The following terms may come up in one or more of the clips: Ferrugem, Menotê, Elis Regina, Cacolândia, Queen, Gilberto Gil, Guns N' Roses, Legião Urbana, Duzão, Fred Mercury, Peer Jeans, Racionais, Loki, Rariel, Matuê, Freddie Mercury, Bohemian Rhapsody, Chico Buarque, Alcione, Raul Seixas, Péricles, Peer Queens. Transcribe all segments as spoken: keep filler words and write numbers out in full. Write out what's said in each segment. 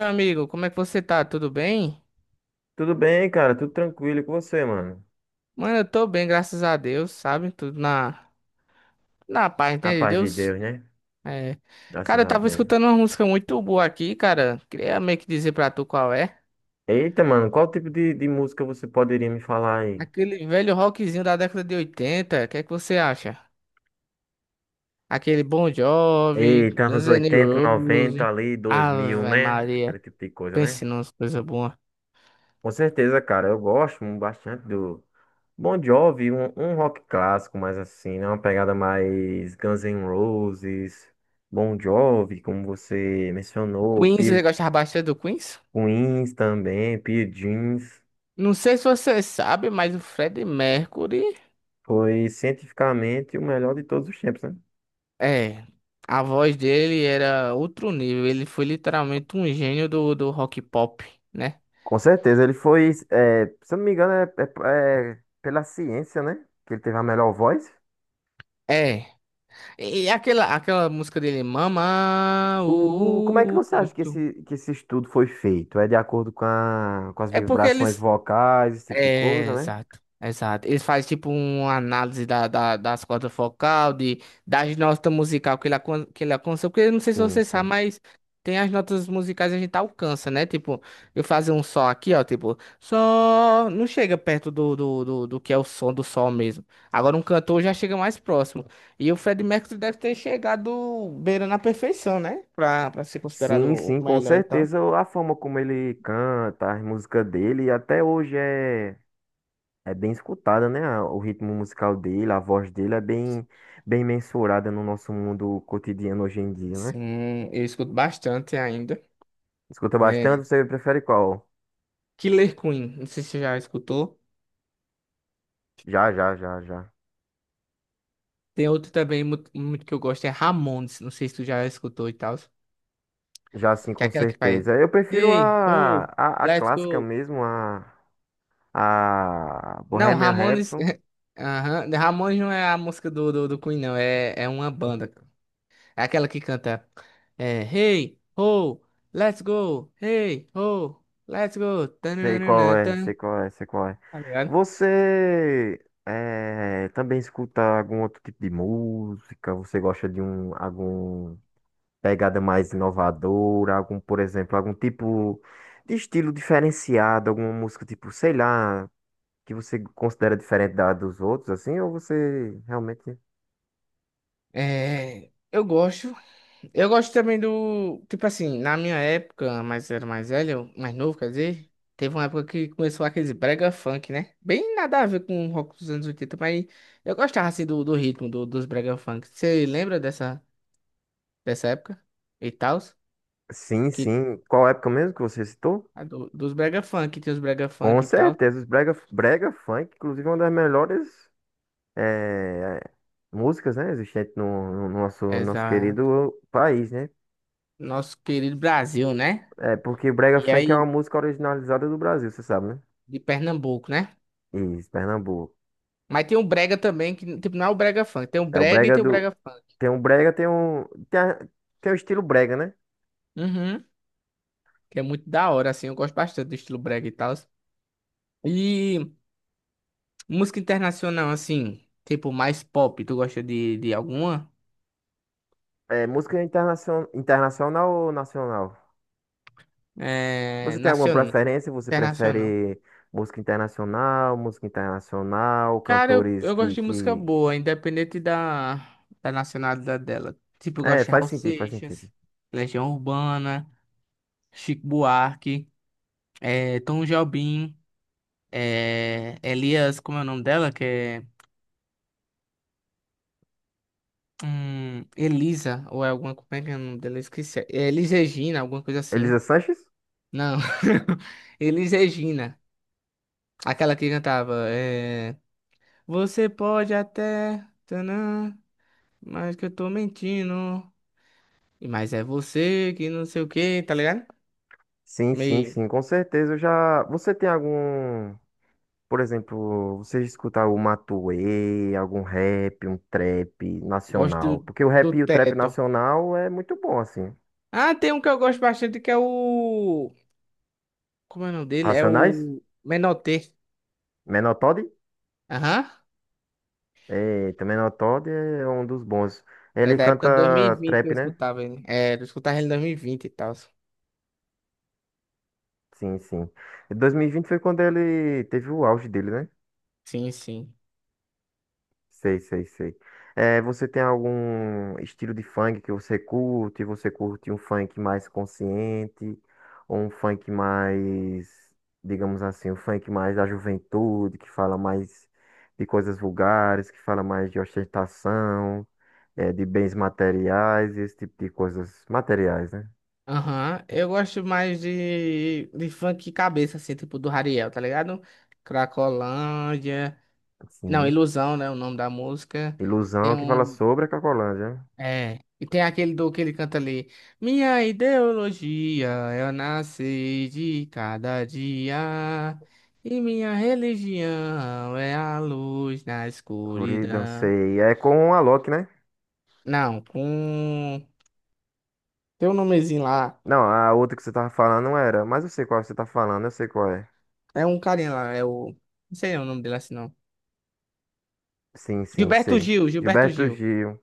Meu amigo, como é que você tá? Tudo bem? Tudo bem, cara? Tudo tranquilo e com você, mano? Mano, eu tô bem, graças a Deus, sabe? Tudo na, na paz, A entende? paz de Deus. Deus, né? É. Graças Cara, eu a tava Deus. escutando uma música muito boa aqui, cara. Queria meio que dizer pra tu qual é. Eita, mano, qual tipo de, de música você poderia me falar aí? Aquele velho rockzinho da década de oitenta. O que é que você acha? Aquele Bon Jovi, Eita, anos Guns N' oitenta noventa Roses. ali, dois mil, Ave né? Aquele Maria, tipo de coisa, né? pense numas coisas boas. Com certeza, cara, eu gosto bastante do Bon Jovi, um, um rock clássico, mais assim, né? Uma pegada mais Guns N' Roses, Bon Jovi, como você mencionou, Queens, você Peer gostava bastante do Queens? Queens também, Peer Jeans. Não sei se você sabe, mas o Freddie Mercury. Foi cientificamente o melhor de todos os tempos, né? É, a voz dele era outro nível. Ele foi literalmente um gênio do, do rock pop, né? Com certeza, ele foi, é, se eu não me engano, é, é- é pela ciência, né? Que ele teve a melhor voz. É. E aquela, aquela música dele, Mama, uh, O, o- como é que uh, uh, uh, você acha que muito. esse, que esse estudo foi feito? É de acordo com, a- com as É porque ele, vibrações vocais, esse tipo de é, coisa, né? exato, exato. Eles fazem tipo uma análise da, da- das cordas focal, de, das notas musical que ele, alcan- que ele alcança, porque eu não sei se Sim, você sabe, sim. mas tem as notas musicais que a gente alcança, né? Tipo, eu fazer um sol aqui, ó, tipo, só não chega perto do, do, do, do que é o som do sol mesmo. Agora um cantor já chega mais próximo. E o Freddie Mercury deve ter chegado beirando a perfeição, né? Pra, pra ser considerado Sim, o sim, com melhor e tal. certeza a forma como ele canta, as músicas dele, até hoje é é bem escutada, né? a- O ritmo musical dele, a voz dele é bem, bem mensurada no nosso mundo cotidiano hoje em dia, né? Sim, eu escuto bastante ainda. Escuta bastante, você prefere qual? Killer Queen, não sei se você já escutou. Já, já, já, já. Tem outro também muito, muito que eu gosto, é Ramones, não sei se tu já escutou e tal. Já, sim, Que é com aquela que faz. certeza. Eu prefiro Hey, a, ho, a, a let's clássica go. mesmo, a, a Não, Bohemian Ramones. Rhapsody. Aham, Ramones não é a música do, do, do Queen, não. É, é uma banda. É aquela que canta. É, hey, ho, let's go. Hey, ho, let's go. Sei qual Tananana, é, tan. sei qual é, sei qual é. Tá ligado? Você eh, também escuta algum outro tipo de música? Você gosta de um, algum pegada mais inovadora, algum, por exemplo, algum tipo de estilo diferenciado, alguma música tipo, sei lá, que você considera diferente da dos outros, assim, ou você realmente. É, eu gosto. Eu gosto também do. Tipo assim, na minha época, mas era mais velho, mais novo, quer dizer, teve uma época que começou aqueles brega funk, né? Bem nada a ver com o rock dos anos oitenta, mas eu gostava assim do, do ritmo do- dos brega funk. Você lembra dessa, dessa época? E tal? Sim, Que, sim. Qual época mesmo que você citou? a do- dos brega funk, tem os brega Com funk e tal. certeza, os brega, brega funk, inclusive, é uma das melhores eh, músicas, né, existentes no, no nosso, nosso Exato. querido país, né? Nosso querido Brasil, né? É, porque o brega E funk é uma aí, música originalizada do Brasil, você sabe, né? de Pernambuco, né? Isso, Pernambuco. Mas tem um brega também, que tipo, não é o brega funk, tem o É o brega e brega tem o do, brega funk. tem um brega, tem um. Tem, a- tem o estilo brega, né? Uhum. Que é muito da hora, assim. Eu gosto bastante do estilo brega e tal. E música internacional, assim, tipo mais pop, tu gosta de, de alguma? É música internacion- internacional ou nacional? É, Você tem alguma nacional, preferência? Você internacional. prefere música internacional, música internacional, Cara, eu, cantores eu gosto que, de música que... boa, independente da, da nacionalidade dela. Tipo, eu É, gosto de faz Raul sentido, faz sentido. Seixas, Legião Urbana, Chico Buarque, é, Tom Jobim, é, Elias, como é o nome dela? Que é hum, Elisa, ou é alguma, como é que é o nome dela? Eu esqueci. É Elis Regina, alguma coisa Elisa assim. Sanches? Não. Elis Regina. Aquela que cantava. É... Você pode até. Tanã, mas que eu tô mentindo. E mas é você que não sei o que, tá ligado? Sim, sim, Meio. sim, com certeza. Eu já. Você tem algum. Por exemplo, você escuta algum Matuê, algum rap, um trap Gosto nacional? do, Porque o do rap e o trap teto. nacional é muito bom, assim. Ah, tem um que eu gosto bastante que é o. Como é o nome dele? É Racionais? o Menotê. Menor Todd? Aham. Eita, Menor Todd é um dos bons. É Ele da época de dois mil e canta vinte que eu trap, né? escutava ele. É, eu escutava ele em dois mil e vinte e vinte e tal. Sim, sim. E dois mil e vinte foi quando ele teve o auge dele, né? Sim, sim. Sei, sei, sei. É, você tem algum estilo de funk que você curte? Você curte um funk mais consciente? Ou um funk mais, digamos assim, um funk mais da juventude, que fala mais de coisas vulgares, que fala mais de ostentação, é, de bens materiais, esse tipo de coisas materiais, né? Aham, eu gosto mais de, de funk cabeça, assim, tipo do Rariel, tá ligado? Cracolândia, não, Sim. Ilusão, né, o nome da música. Tem Ilusão que fala um, sobre a Cacolândia. é, e tem aquele do que ele canta ali. Minha ideologia, eu nasci de cada dia, e minha religião é a luz na Guri, escuridão. dancei. É com a Loki, né? Não, com, tem um nomezinho lá, Não, a outra que você tava falando não era. Mas eu sei qual você tá falando, eu sei qual é. é um carinha lá, é o, não sei o nome dele assim, não. Sim, sim, Gilberto sei. Gil, Gilberto Gilberto Gil. Gil.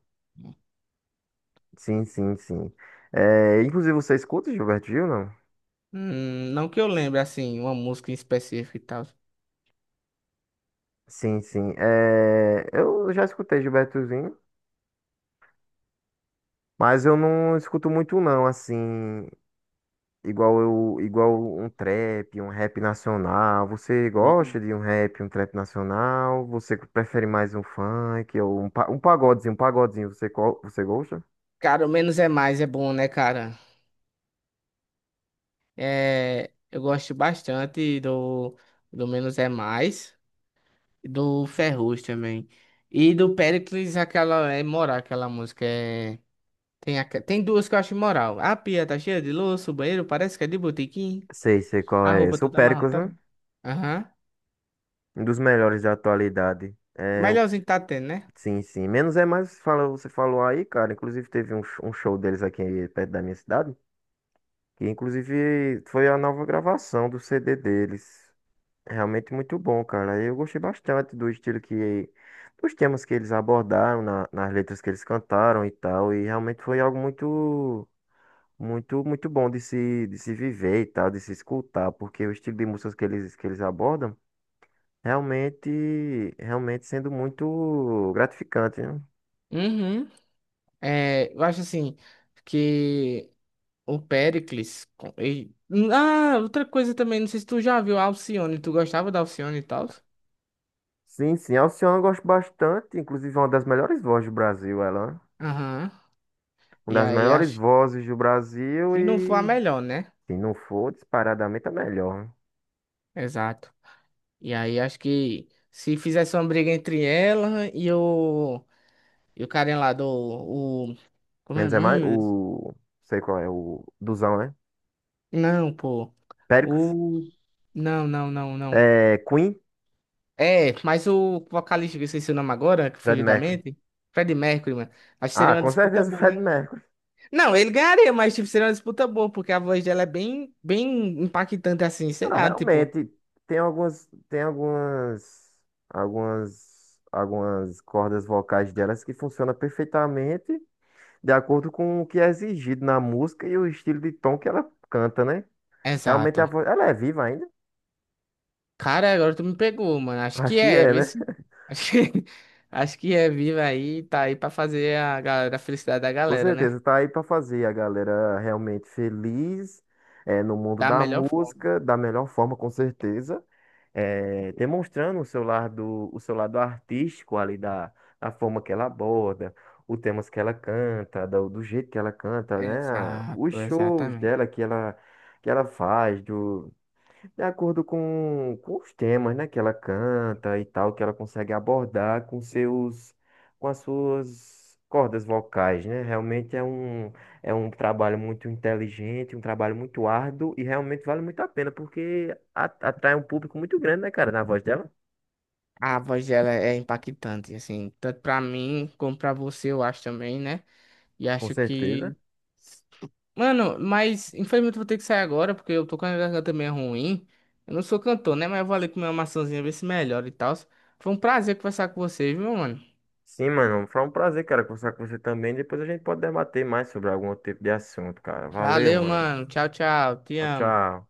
Sim, sim, sim. É, inclusive, você escuta Gilberto Gil, não? Hum, não que eu lembre, assim, uma música em específico e tal. Sim, sim. É, eu já escutei Gilbertozinho, mas eu não escuto muito, não, assim. Igual eu, igual um trap, um rap nacional. Você gosta Sim. de um rap, um trap nacional? Você prefere mais um funk ou um, pa- um pagodezinho, um pagodezinho, você, qual, você gosta? Cara, o menos é mais é bom, né, cara? É, eu gosto bastante do, do Menos é Mais, do Ferrugem também. E do Péricles, aquela é morar, aquela música é. Tem, a... ca- tem duas que eu acho imoral. A pia tá cheia de louça, o banheiro parece que é de botequim. Sei, sei qual A é roupa esse. O toda Péricles, amarrotada. né? Aham. Um dos melhores da atualidade. É, o- Melhorzinho que tá tendo, né? Sim, sim. Menos é mais, fala, você falou aí, cara. Inclusive teve um, sh- um show deles aqui perto da minha cidade. Que inclusive foi a nova gravação do C D deles. É realmente muito bom, cara. Eu gostei bastante do estilo que, dos temas que eles abordaram, na- nas letras que eles cantaram e tal. E realmente foi algo muito, muito, muito bom de se, de se viver e tal, de se escutar, porque o estilo de músicas que eles, que eles abordam, realmente, realmente sendo muito gratificante, né? Uhum. É, eu acho assim que o Péricles. com- e- Ah, outra coisa também, não sei se tu já viu a Alcione. Tu gostava da Alcione e tal? Sim, sim. Alcione eu gosto bastante, inclusive é uma das melhores vozes do Brasil, ela. Né? Aham. Uma E das aí melhores acho. vozes do Brasil Se não for a e, melhor, né? se não for, disparadamente a melhor. Exato. E aí acho que se fizesse uma briga entre ela e o. E o carinha lá do. O... Como é o Menos é mais. nome? O. Sei qual é, o. Duzão, né? Não, pô. Péricles. O. Não, não, não, não. É, Queen. É, mas o vocalista, que eu esqueci o nome agora, que Fred fugiu da Mercury. mente. Freddie Mercury, mano. Acho que Ah, seria uma com disputa certeza o boa, Fred hein? Mercury. Não, ele ganharia, mas tipo, seria uma disputa boa, porque a voz dela é bem, bem impactante assim, sei Ah, lá, tipo. realmente. Tem algumas. Tem algumas. Algumas. Algumas cordas vocais delas que funcionam perfeitamente de acordo com o que é exigido na música e o estilo de tom que ela canta, né? Realmente a Exato. voz. Ela é viva ainda? Cara, agora tu me pegou, mano. Acho Acho que que é, é, vê né? se. Acho que, acho que é viva aí, tá aí pra fazer a galera, a felicidade da Com galera, né? certeza, tá aí pra fazer a galera realmente feliz, é, no mundo Da da melhor forma. música, da melhor forma, com certeza, é, demonstrando o seu lado, o seu lado artístico ali da, da forma que ela aborda, os temas que ela canta, do, do jeito que ela canta, né? Os Exato, shows exatamente. dela que ela, que ela faz, do, de acordo com, com os temas, né, que ela canta e tal, que ela consegue abordar com seus, com as suas cordas vocais, né? Realmente é um, é um trabalho muito inteligente, um trabalho muito árduo e realmente vale muito a pena porque a- atrai um público muito grande, né, cara, na voz dela, A voz dela é impactante, assim, tanto pra mim como pra você, eu acho também, né? E com acho certeza. que. Mano, mas infelizmente eu vou ter que sair agora, porque eu tô com a garganta meio ruim. Eu não sou cantor, né? Mas eu vou ali comer uma maçãzinha, ver se melhora e tal. Foi um prazer conversar com você, viu, mano? Sim, mano, foi um prazer, cara, conversar com você também. Depois a gente pode debater mais sobre algum outro tipo de assunto, cara. Valeu, Valeu, mano. mano. Tchau, tchau. Te Tchau, amo. tchau.